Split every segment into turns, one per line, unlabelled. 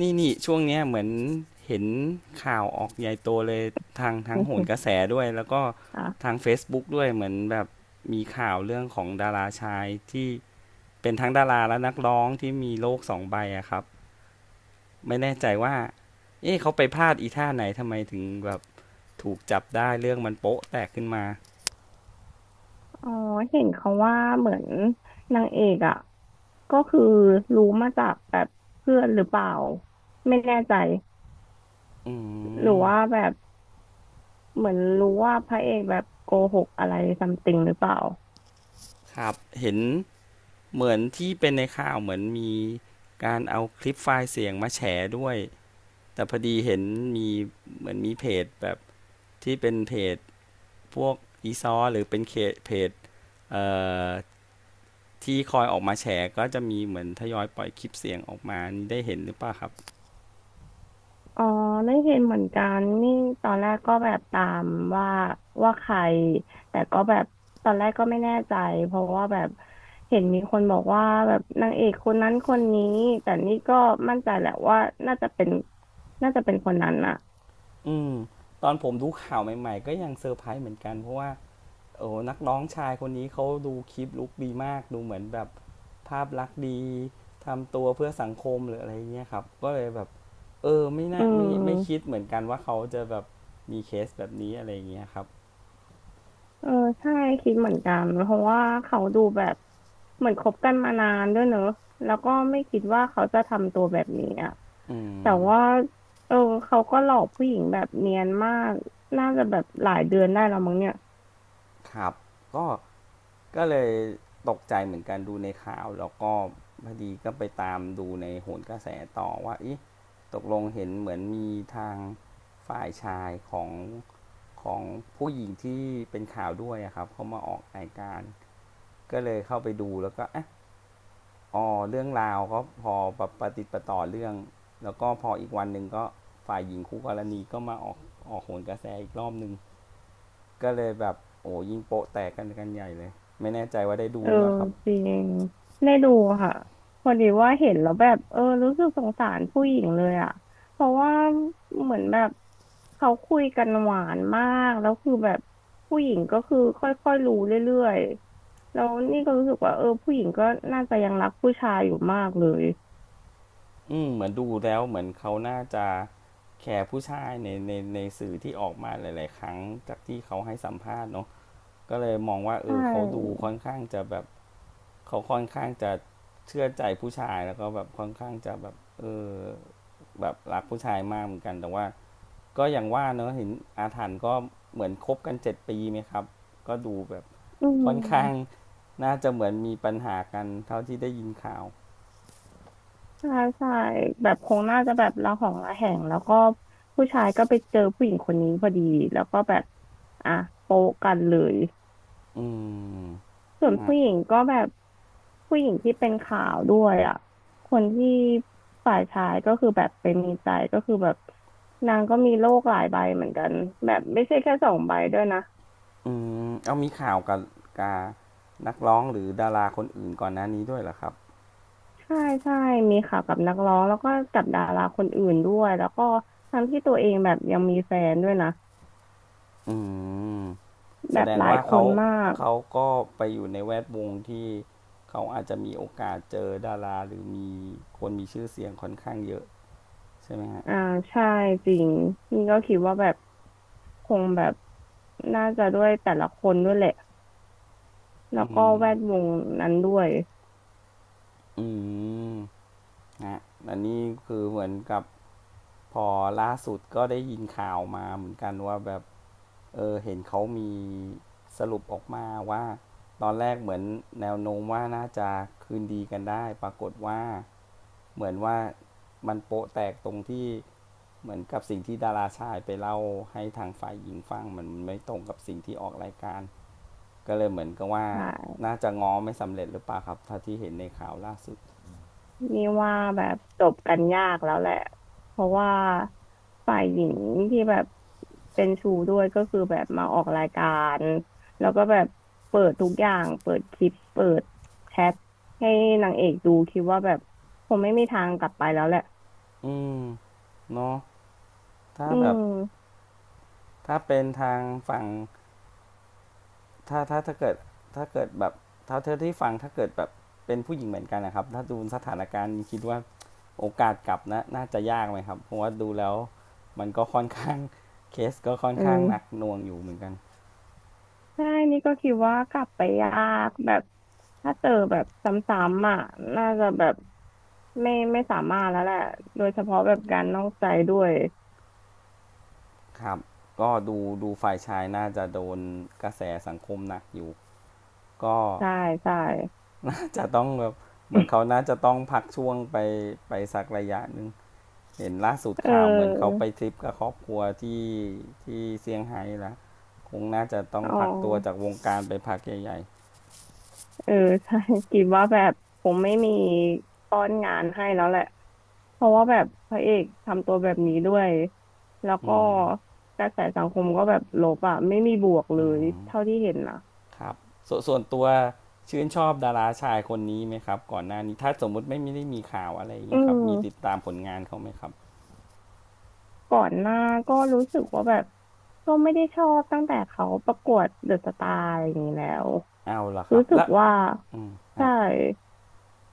นี่ช่วงเนี้ยเหมือนเห็นข่าวออกใหญ่โตเลยทางทั้งโหนกระ แสด้วยแล้วก็
อ่ะ
ทาง Facebook ด้วยเหมือนแบบมีข่าวเรื่องของดาราชายที่เป็นทั้งดาราและนักร้องที่มีโรคสองใบอะครับไม่แน่ใจว่าเอ๊ะเขาไปพลาดอีท่าไหนทำไมถึงแบบถูกจับได้เรื่องมันโป๊ะแตกขึ้นมา
อ๋อเห็นเขาว่าเหมือนนางเอกอ่ะก็คือรู้มาจากแบบเพื่อนหรือเปล่าไม่แน่ใจ
อื
หรือ
ม
ว่าแบบเหมือนรู้ว่าพระเอกแบบโกหกอะไรซัมติงหรือเปล่า
ครับเห็นเหมือนที่เป็นในข่าวเหมือนมีการเอาคลิปไฟล์เสียงมาแฉด้วย แต่พอดีเห็นมีเหมือนมีเพจแบบที่เป็นเพจพวกอีซอหรือเป็นเคเพจเอ่อที่คอยออกมาแฉก็จะมีเหมือนทยอยปล่อยคลิปเสียงออกมานี่ได้เห็นหรือเปล่าครับ
อ๋อไม่เห็นเหมือนกันนี่ตอนแรกก็แบบตามว่าว่าใครแต่ก็แบบตอนแรกก็ไม่แน่ใจเพราะว่าแบบเห็นมีคนบอกว่าแบบนางเอกคนนั้นคนนี้แต่นี่ก็มั่นใจแหละว่าน่าจะเป็นน่าจะเป็นคนนั้นอ่ะ
อืม ตอนผมดูข่าวใหม่ๆก็ยังเซอร์ไพรส์เหมือนกัน เพราะว่าโอ้นักร้องชายคนนี้เขาดูคลิปลุกดีมาก ดูเหมือนแบบภาพลักษณ์ดี ทำตัวเพื่อสังคมหรืออะไรเงี้ยครับ ก็เลยแบบ เออไม่
อื
น่าไม่คิด
ม
เหมือนกันว่าเขาจะแบบมีเคสแบบนี้อะไรเงี้ยครับ
เออใช่คิดเหมือนกันเพราะว่าเขาดูแบบเหมือนคบกันมานานด้วยเนอะแล้วก็ไม่คิดว่าเขาจะทำตัวแบบนี้อ่ะ
อื
แต่
ม
ว่าเออเขาก็หลอกผู้หญิงแบบเนียนมากน่าจะแบบหลายเดือนได้แล้วมั้งเนี่ย
ครับก็ก็เลยตกใจเหมือนกันดูในข่าวแล้วก็พอดีก็ไปตามดูในโหนกระแสต่อว่าเอ๊ะตกลงเห็นเหมือนมีทางฝ่ายชายของผู้หญิงที่เป็นข่าวด้วยอะครับเขามาออกรายการก็เลยเข้าไปดูแล้วก็เอะอ๋อเรื่องราวก็พอประติดประต่อเรื่องแล้วก็พออีกวันหนึ่งก็ฝ่ายหญิงคู่กรณีก็มาออกโหนกระแสอีกรอบหนึ่ง ก็เลยแบบโอ้ยิงโปะแตกกันใหญ่เลยไม่แน่ใจว่าได้ดู
เออ
หรือเปล่าครับ
จริงได้ดูค่ะพอดีว่าเห็นแล้วแบบเออรู้สึกสงสารผู้หญิงเลยอ่ะเพราะว่าเหมือนแบบเขาคุยกันหวานมากแล้วคือแบบผู้หญิงก็คือค่อยๆรู้เรื่อยๆแล้วนี่ก็รู้สึกว่าเออผู้หญิงก็น่าจะยังรักผู้ชายอยู่มากเลย
อืมเหมือนดูแล้วเหมือนเขาน่าจะแคร์ผู้ชายในสื่อที่ออกมาหลายๆครั้งจากที่เขาให้สัมภาษณ์เนาะก็เลยมองว่าเอ
ใช่
อเขาดูค่อนข้างจะแบบเขาค่อนข้างจะเชื่อใจผู้ชายแล้วก็แบบค่อนข้างจะแบบเออแบบรักผู้ชายมากเหมือนกันแต่ว่าก็อย่างว่าเนาะเห็นอาถรรพ์ก็เหมือนคบกัน7 ปีไหมครับก็ดูแบบ
อืม
ค่อนข้างน่าจะเหมือนมีปัญหากันเท่าที่ได้ยินข่าว
ใช่ใช่แบบคงน่าจะแบบระหองระแหงแล้วก็ผู้ชายก็ไปเจอผู้หญิงคนนี้พอดีแล้วก็แบบอ่ะโป๊ะกันเลย
อืม
ส่วน
ฮะ
ผู้หญิงก็แบบผู้หญิงที่เป็นข่าวด้วยอ่ะคนที่ฝ่ายชายก็คือแบบไปมีใจก็คือแบบนางก็มีโรคหลายใบเหมือนกันแบบไม่ใช่แค่สองใบด้วยนะ
อืมเอามีข่าวกับกานักร้องหรือดาราคนอื่นก่อนหน้านี้ด้วยเหรอครับ
ใช่ใช่มีข่าวกับนักร้องแล้วก็กับดาราคนอื่นด้วยแล้วก็ทั้งที่ตัวเองแบบยังมีแฟนด้วยนะ
อืมแส
แบบ
ดง
หลาย
ว่า
ค
เขา
นมาก
เขาก็ไปอยู่ในแวดวงที่เขาอาจจะมีโอกาสเจอดาราหรือมีคนมีชื่อเสียงค่อนข้างเยอะใช่ไหมฮะ
อ่าใช่จริงนี่ก็คิดว่าแบบคงแบบน่าจะด้วยแต่ละคนด้วยแหละแล้
อื
วก็
ม
แวดวงนั้นด้วย
อืมฮะอันนี้คือเหมือนกับพอล่าสุดก็ได้ยินข่าวมาเหมือนกันว่าแบบ เออเห็นเขามีสรุปออกมาว่าตอนแรกเหมือนแนวโน้มว่าน่าจะคืนดีกันได้ปรากฏว่าเหมือนว่ามันโปะแตกตรงที่เหมือนกับสิ่งที่ดาราชายไปเล่าให้ทางฝ่ายหญิงฟังมันไม่ตรงกับสิ่งที่ออกรายการก็เลยเหมือนกับว่า
ใช่
น่าจะง้อไม่สำเร็จหรือเปล่าครับถ้าที่เห็นในข่าวล่าสุด
นี่ว่าแบบจบกันยากแล้วแหละเพราะว่าฝ่ายหญิงที่แบบเป็นชู้ด้วยก็คือแบบมาออกรายการแล้วก็แบบเปิดทุกอย่างเปิดคลิปเปิดแชทให้นางเอกดูคิดว่าแบบคงไม่มีทางกลับไปแล้วแหละ
อืมเนาะถ้า
อื
แบบ
ม
ถ้าเป็นทางฝั่ง ถ้าถ้าถ้าเกิดถ้าเกิดแบบเท่าเธอที่ฟังถ้าเกิดแบบเป็นผู้หญิงเหมือนกันนะครับถ้าดูสถานการณ์คิดว่าโอกาสกลับนะน่าจะยากไหมครับเพราะว่าดูแล้วมันก็ค่อนข้างเคสก็ค่อน
อื
ข้าง
ม
หนักหน่วงอยู่เหมือนกัน
ใช่นี่ก็คิดว่ากลับไปยากแบบถ้าเจอแบบซ้ำๆอ่ะน่าจะแบบไม่สามารถแล้วแหละโดยเฉพาะแบบการนอกใจด้วย
ครับก็ดูฝ่ายชายน่าจะโดนกระแสสังคมหนักอยู่ก็
ใช่ใช่
น่าจะต้องแบบเหมือนเขาน่าจะต้องพักช่วงไปสักระยะนึง เห็นล่าสุด
เ
ข่าวเหมือนเขา
ออ
ไปทริปกับครอบครัวที่เซี่ยงไฮ้ละคงน่าจะต้อง
อ๋อ
พักตัวจากวงการไปพักใหญ่
เออ ใช่ กิบว่าแบบผมไม่มีป้อนงานให้แล้วแหละเพราะว่าแบบพระเอกทำตัวแบบนี้ด้วยแล้ว
ๆอื
ก็
ม
กระแสสังคมก็แบบลบอ่ะไม่มีบวกเล
อื
ย
ม
เท่าที่เห็นนะ
ครับส่วนตัวชื่นชอบดาราชายคนนี้ไหมครับก่อนหน้านี้ถ้าสมมุติไม่ไมด้มีข่าวอะไร
อื
เงี้ยครับ
ม
มีติดตามผลงานเขาไหมครับ
ก่อนหน้าก็รู้สึกว่าแบบก็ไม่ได้ชอบตั้งแต่เขาประกวดเดอะสตาร์อะไรอย่างนี้แล้ว
เอาละครั
รู้
บ
สึก
แล้ว
ว่า
อืม
ใช่
ฮะ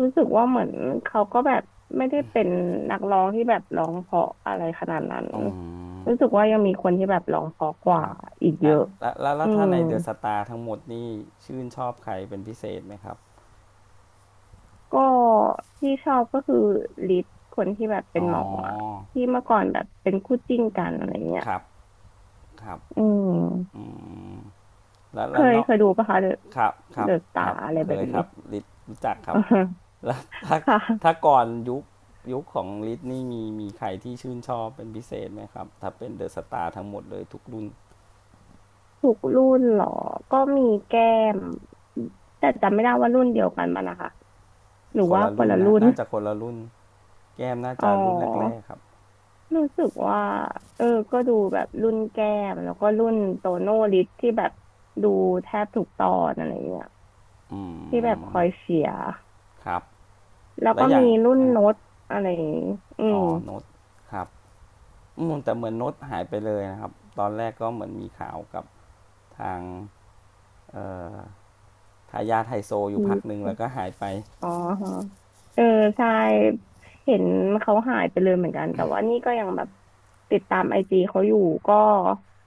รู้สึกว่าเหมือนเขาก็แบบไม่ได้เป็นนักร้องที่แบบร้องเพราะอะไรขนาดนั้น
อืม
รู้สึกว่ายังมีคนที่แบบร้องเพราะก
ค
ว่า
รับ
อีกเย
อ่ะ
อะ
แล้วแล้วแล้
อื
วถ้า
ม
ในเดอะสตาร์ทั้งหมดนี่ชื่นชอบใครเป็นพิเศษไหมครับ
ก็ที่ชอบก็คือลิศคนที่แบบเป็
อ๋
นหมออะ
อ
ที่เมื่อก่อนแบบเป็นคู่จิ้นกันอะไรเงี้ย
ครับครับ
อื
อื
ม
มแล้ว
เค
แล้ว
ย
เนาะ
เคยดูปะคะเดอะ
ครับครั
เด
บ
อะตา
ครับ
อะไร
เค
แบบ
ยค
นี้
รับลิทรู้จัก ครั
อ่า
บ
ฮะ
แล้วถ้าถ้า
ค่ะ
ก่อนยุคของลิทนี่มีใครที่ชื่นชอบเป็นพิเศษไหมครับถ้าเป็นเดอะสตาร์ทั้งหมดเลยทุกรุ่น
ทุกรุ่นเหรอก็มีแก้มแต่จำไม่ได้ว่ารุ่นเดียวกันมันนะคะหรือ
คน
ว่า
ละ
คน
รุ่น
ละ
นะ
รุ่น
น่าจะคนละรุ่นแก้มน่า
อ๋
จะรุ่นแร
อ
กๆครับ
รู้สึกว่าเออก็ดูแบบรุ่นแก้มแล้วก็รุ่นโตโน่ลิฟที่แบบดูแทบทุกตอนอะไรเงี้ย
อื
ที่แบบ
ม
คอยเชียร์
ครับ
แล้ว
แล้
ก็
วอย่า
มี
ง
รุ่น
อ่ะ
โน้ตอะไรอย่างงี้อื
อ๋
ม
อโน้ตครับอืมแต่เหมือนโน้ตหายไปเลยนะครับตอนแรกก็เหมือนมีข่าวกับทางเอ่อทายาทไฮโซอ
พ
ยู่พักหนึ่ง
ี
แล้วก็หายไป
อ๋อฮะเออใช่เห็นเขาหายไปเลยเหมือนกันแต่ว่านี่ก็ยังแบบติดตามไอจีเขาอยู่ก็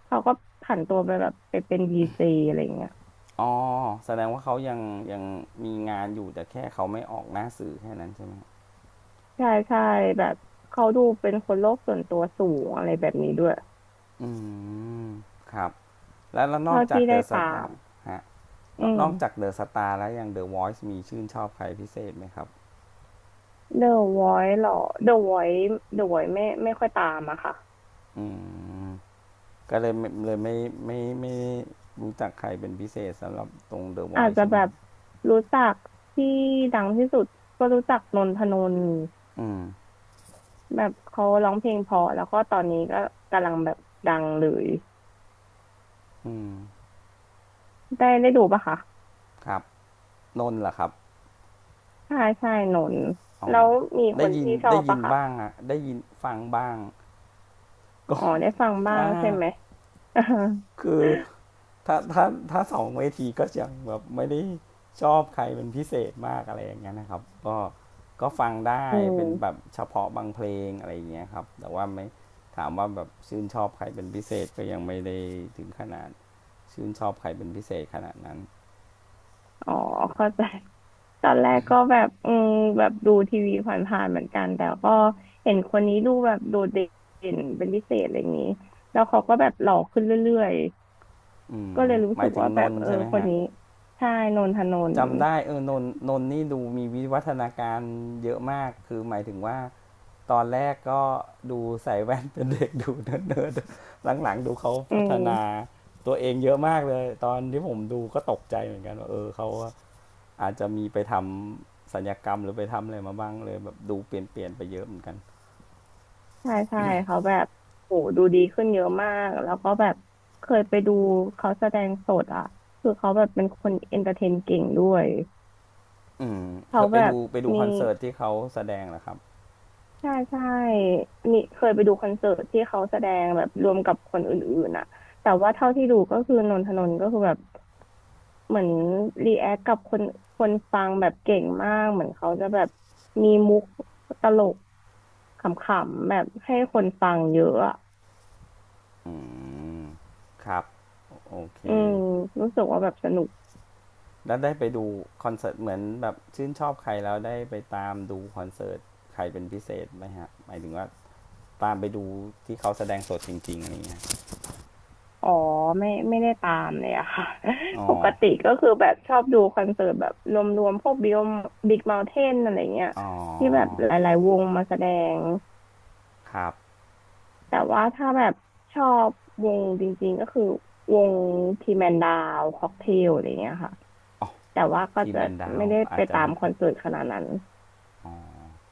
เขาก็ผันตัวไปแบบไปเป็นดีเจอะไรเงี้ย
อ๋อแสดงว่าเขายังมีงานอยู่แต่แค่เขาไม่ออกหน้าสื่อแค่นั้นใช่ไหม
ใช่ใช่แบบเขาดูเป็นคนโลกส่วนตัวสูงอะไรแบบนี้ด้วย
อืมครับแล้วนอ
เท่า
กจาก
ที่
เด
ได้
อะส
ตา
ตา
ม
ร์ฮะ
อืม
นอกจากเดอะสตาร์แล้วยังเดอะวอยซ์มีชื่นชอบใครพิเศษไหมครับ
The Voice เหรอ The Voice The Voice ไม่ค่อยตามอะค่ะ
อืมก็เลยไม่รู้จักใครเป็นพิเศษสำหรับตรงเดอะว
อา
อ
จ
ยซ์
จะ
ใช่
แบ
ไหม
บรู้จักที่ดังที่สุดก็รู้จักนนทนนท์
อืม
แบบเขาร้องเพลงเพอแล้วก็ตอนนี้ก็กำลังแบบดังเลย
อืม
ได้ดูปะคะ
ครับนนท์เหรอครับ
ใช่ใช่หนน
อ๋อ
แล้วมีค
ได้
น
ยิน
ที่ชอ
ได้
บ
ยิ
ปะ
น
คะ
บ้างอะได้ยินฟังบ้าง ก็
อ๋อได้ฟังบ้าง
ถ้า
ใช่ไหม
คือ ถ้าถ้าถ้าสองเวทีก็ยังแบบไม่ได้ชอบใครเป็นพิเศษมากอะไรอย่างเงี้ยนะครับก็ก็ฟังได้
อื
เป็นแบบ
ม
เฉพาะบางเพลงอะไรอย่างเงี้ยครับแต่ว่าไม่ถามว่าแบบชื่นชอบใครเป็นพิเศษก็ยังไม่ได้ถึงขนาดชื่นชอบใครเป็นพิเศษขนาดนั้น
อ๋อเข้าใจตอนแรกก็แบบอืมแบบดูทีวีผ่านๆเหมือนกันแต่ก็เห็นคนนี้ดูแบบโดดเด่นเป็นพิเศษอะไรอย่างนี้แล้วเขาก็แบบหล่อขึ้นเรื่อย
อื
ๆก็
ม
เลยรู้
หมา
สึ
ย
ก
ถึง
ว่า
น
แบบ
น์
เออ
ใช่ไหม
คน
ฮะ
นี้ใช่นนทนนท์
จำได้เออนนนี่ดูมีวิวัฒนาการเยอะมากคือหมายถึงว่า ตอนแรกก็ดูใส่แว่นเป็นเด็กดูเนิร์ดๆหลังๆดูเขา
อื
พัฒนา
ม
ตัวเองเยอะมากเลยตอนที่ผมดูก็ตกใจเหมือนกันว่าเออเขาอาจจะมีไปทำสัลยกรรมหรือไปทำอะไรมาบ้างเลยแบบดูเปลี่ยนๆไปเยอะเหมือนกัน
ใช่ใช่เขาแบบโหดูดีขึ้นเยอะมากแล้วก็แบบเคยไปดูเขาแสดงสดอ่ะคือเขาแบบเป็นคนเอนเตอร์เทนเก่งด้วย
อืมเค
เขา
ยไป
แบบ
ดูไปดู
มี
คอนเสิร์ตที่เขาแสดงเหรอครับ
ใช่ใช่มีเคยไปดูคอนเสิร์ตที่เขาแสดงแบบรวมกับคนอื่นๆอ่ะแต่ว่าเท่าที่ดูก็คือนนทนนท์ก็คือแบบเหมือนรีแอคกับคนฟังแบบเก่งมากเหมือนเขาจะแบบมีมุกตลกขำๆแบบให้คนฟังเยอะอะ
อืมครับโอเค
อืมรู้สึกว่าแบบสนุก
แล้วได้ไปดูคอนเสิร์ตเหมือนแบบชื่นชอบใครแล้วได้ไปตามดูคอนเสิร์ตใครเป็นพิเศษไหมฮะหมายถึงว่า ตามไปดูที่เขาแสดงสดจริงๆอะไรเงี้ย
อ๋อไม่ได้ตามเลยอะค่ะ
อ๋อ
ปกติก็คือแบบชอบดูคอนเสิร์ตแบบรวมๆพวกบิ๊กเมาน์เทนอะไรเงี้ย
อ๋
ที่แบบ
อ
หลายๆวงมาแสดง
ครับ
แต่ว่าถ้าแบบชอบวงจริงๆก็คือวงทีแมนดาวค็อกเทลอะไรเงี้ยค่ะ
อ๋อ
แต่ว่าก็
ทีม
จะ
แอนดาว
ไม่ได้
อา
ไป
จจะ
ตาม
ไม่
คอนเสิร์ตขนาดนั้น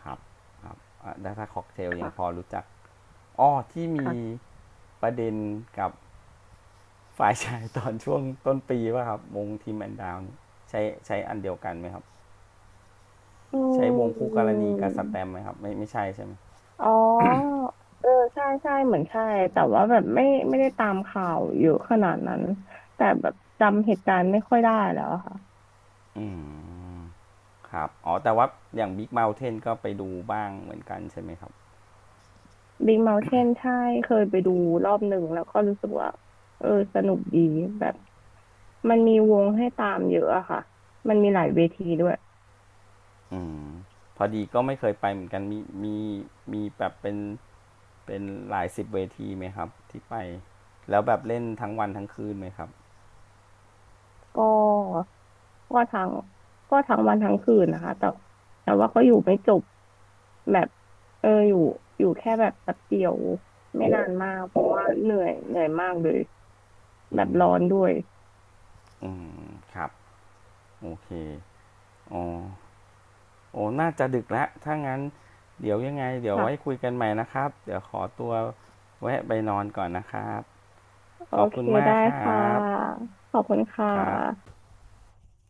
ครับ ครับอ่ะไถ้าค็อกเทลยังพอ
ค่ะ
รู้จัก อ๋อที่มี
ค่ะ
ประเด็นกับฝ่ายชายตอนช่วงต้นปีว่าครับวงทีมแอนดาวนใช้ใช้อันเดียวกันไหมครับ
อ
ใช้วง
ื
คู่กรณีกับสแตม
ม
ไหมครับไม่ใช่ใช่ไหม
อ๋อ เออ ใช่ใช่เหมือนใช่ แต่ว่าแบบไม่ได้ตามข่าวเยอะขนาดนั้น แต่แบบจำเหตุการณ์ไม่ค่อยได้แล้วอะค่ะ
อืมครับอ๋อแต่ว่าอย่างบิ๊ก o u เทนก็ไปดูบ้างเหมือนกันใช่ไหมครับ
Big Mountain ใช่ เคยไปดูรอบหนึ่งแล้วก็รู้สึกว่า เออสนุกดีแบบมันมีวงให้ตามเยอะอะค่ะ มันมีหลายเวทีด้วย
อืมพอดีก็ไม่เคยไปเหมือนกันมีมีแบบเป็นหลายสิบเวทีไหมครับที่ไปแล้วแบบเล่นทั้งวันทั้งคืนไหมครับ
ก็ ก็ทั้งก็ทั้งวันทั้งคืนนะคะแต่แต่ว่าก็อยู่ไม่จบแบบเอออยู่แค่แบบแป๊บเดียวไม่นานมากเพราะว่าเหนื่อยมากเลย
อื
แบบร้อน
ม
ด้วย
อืมครับโอเคอ๋อโอ้น่าจะดึกแล้วถ้างั้นเดี๋ยวยังไงเดี๋ยวไว้คุ
ค่ะ
ยกันใหม่นะครับเดี๋ยวขอตัวแวะไปนอนก่อนนะครับ
โอ
ขอบ
เค
คุณมาก
ได้
ครั
ค่ะ
บ
ขอบคุณค่ะ
ครับ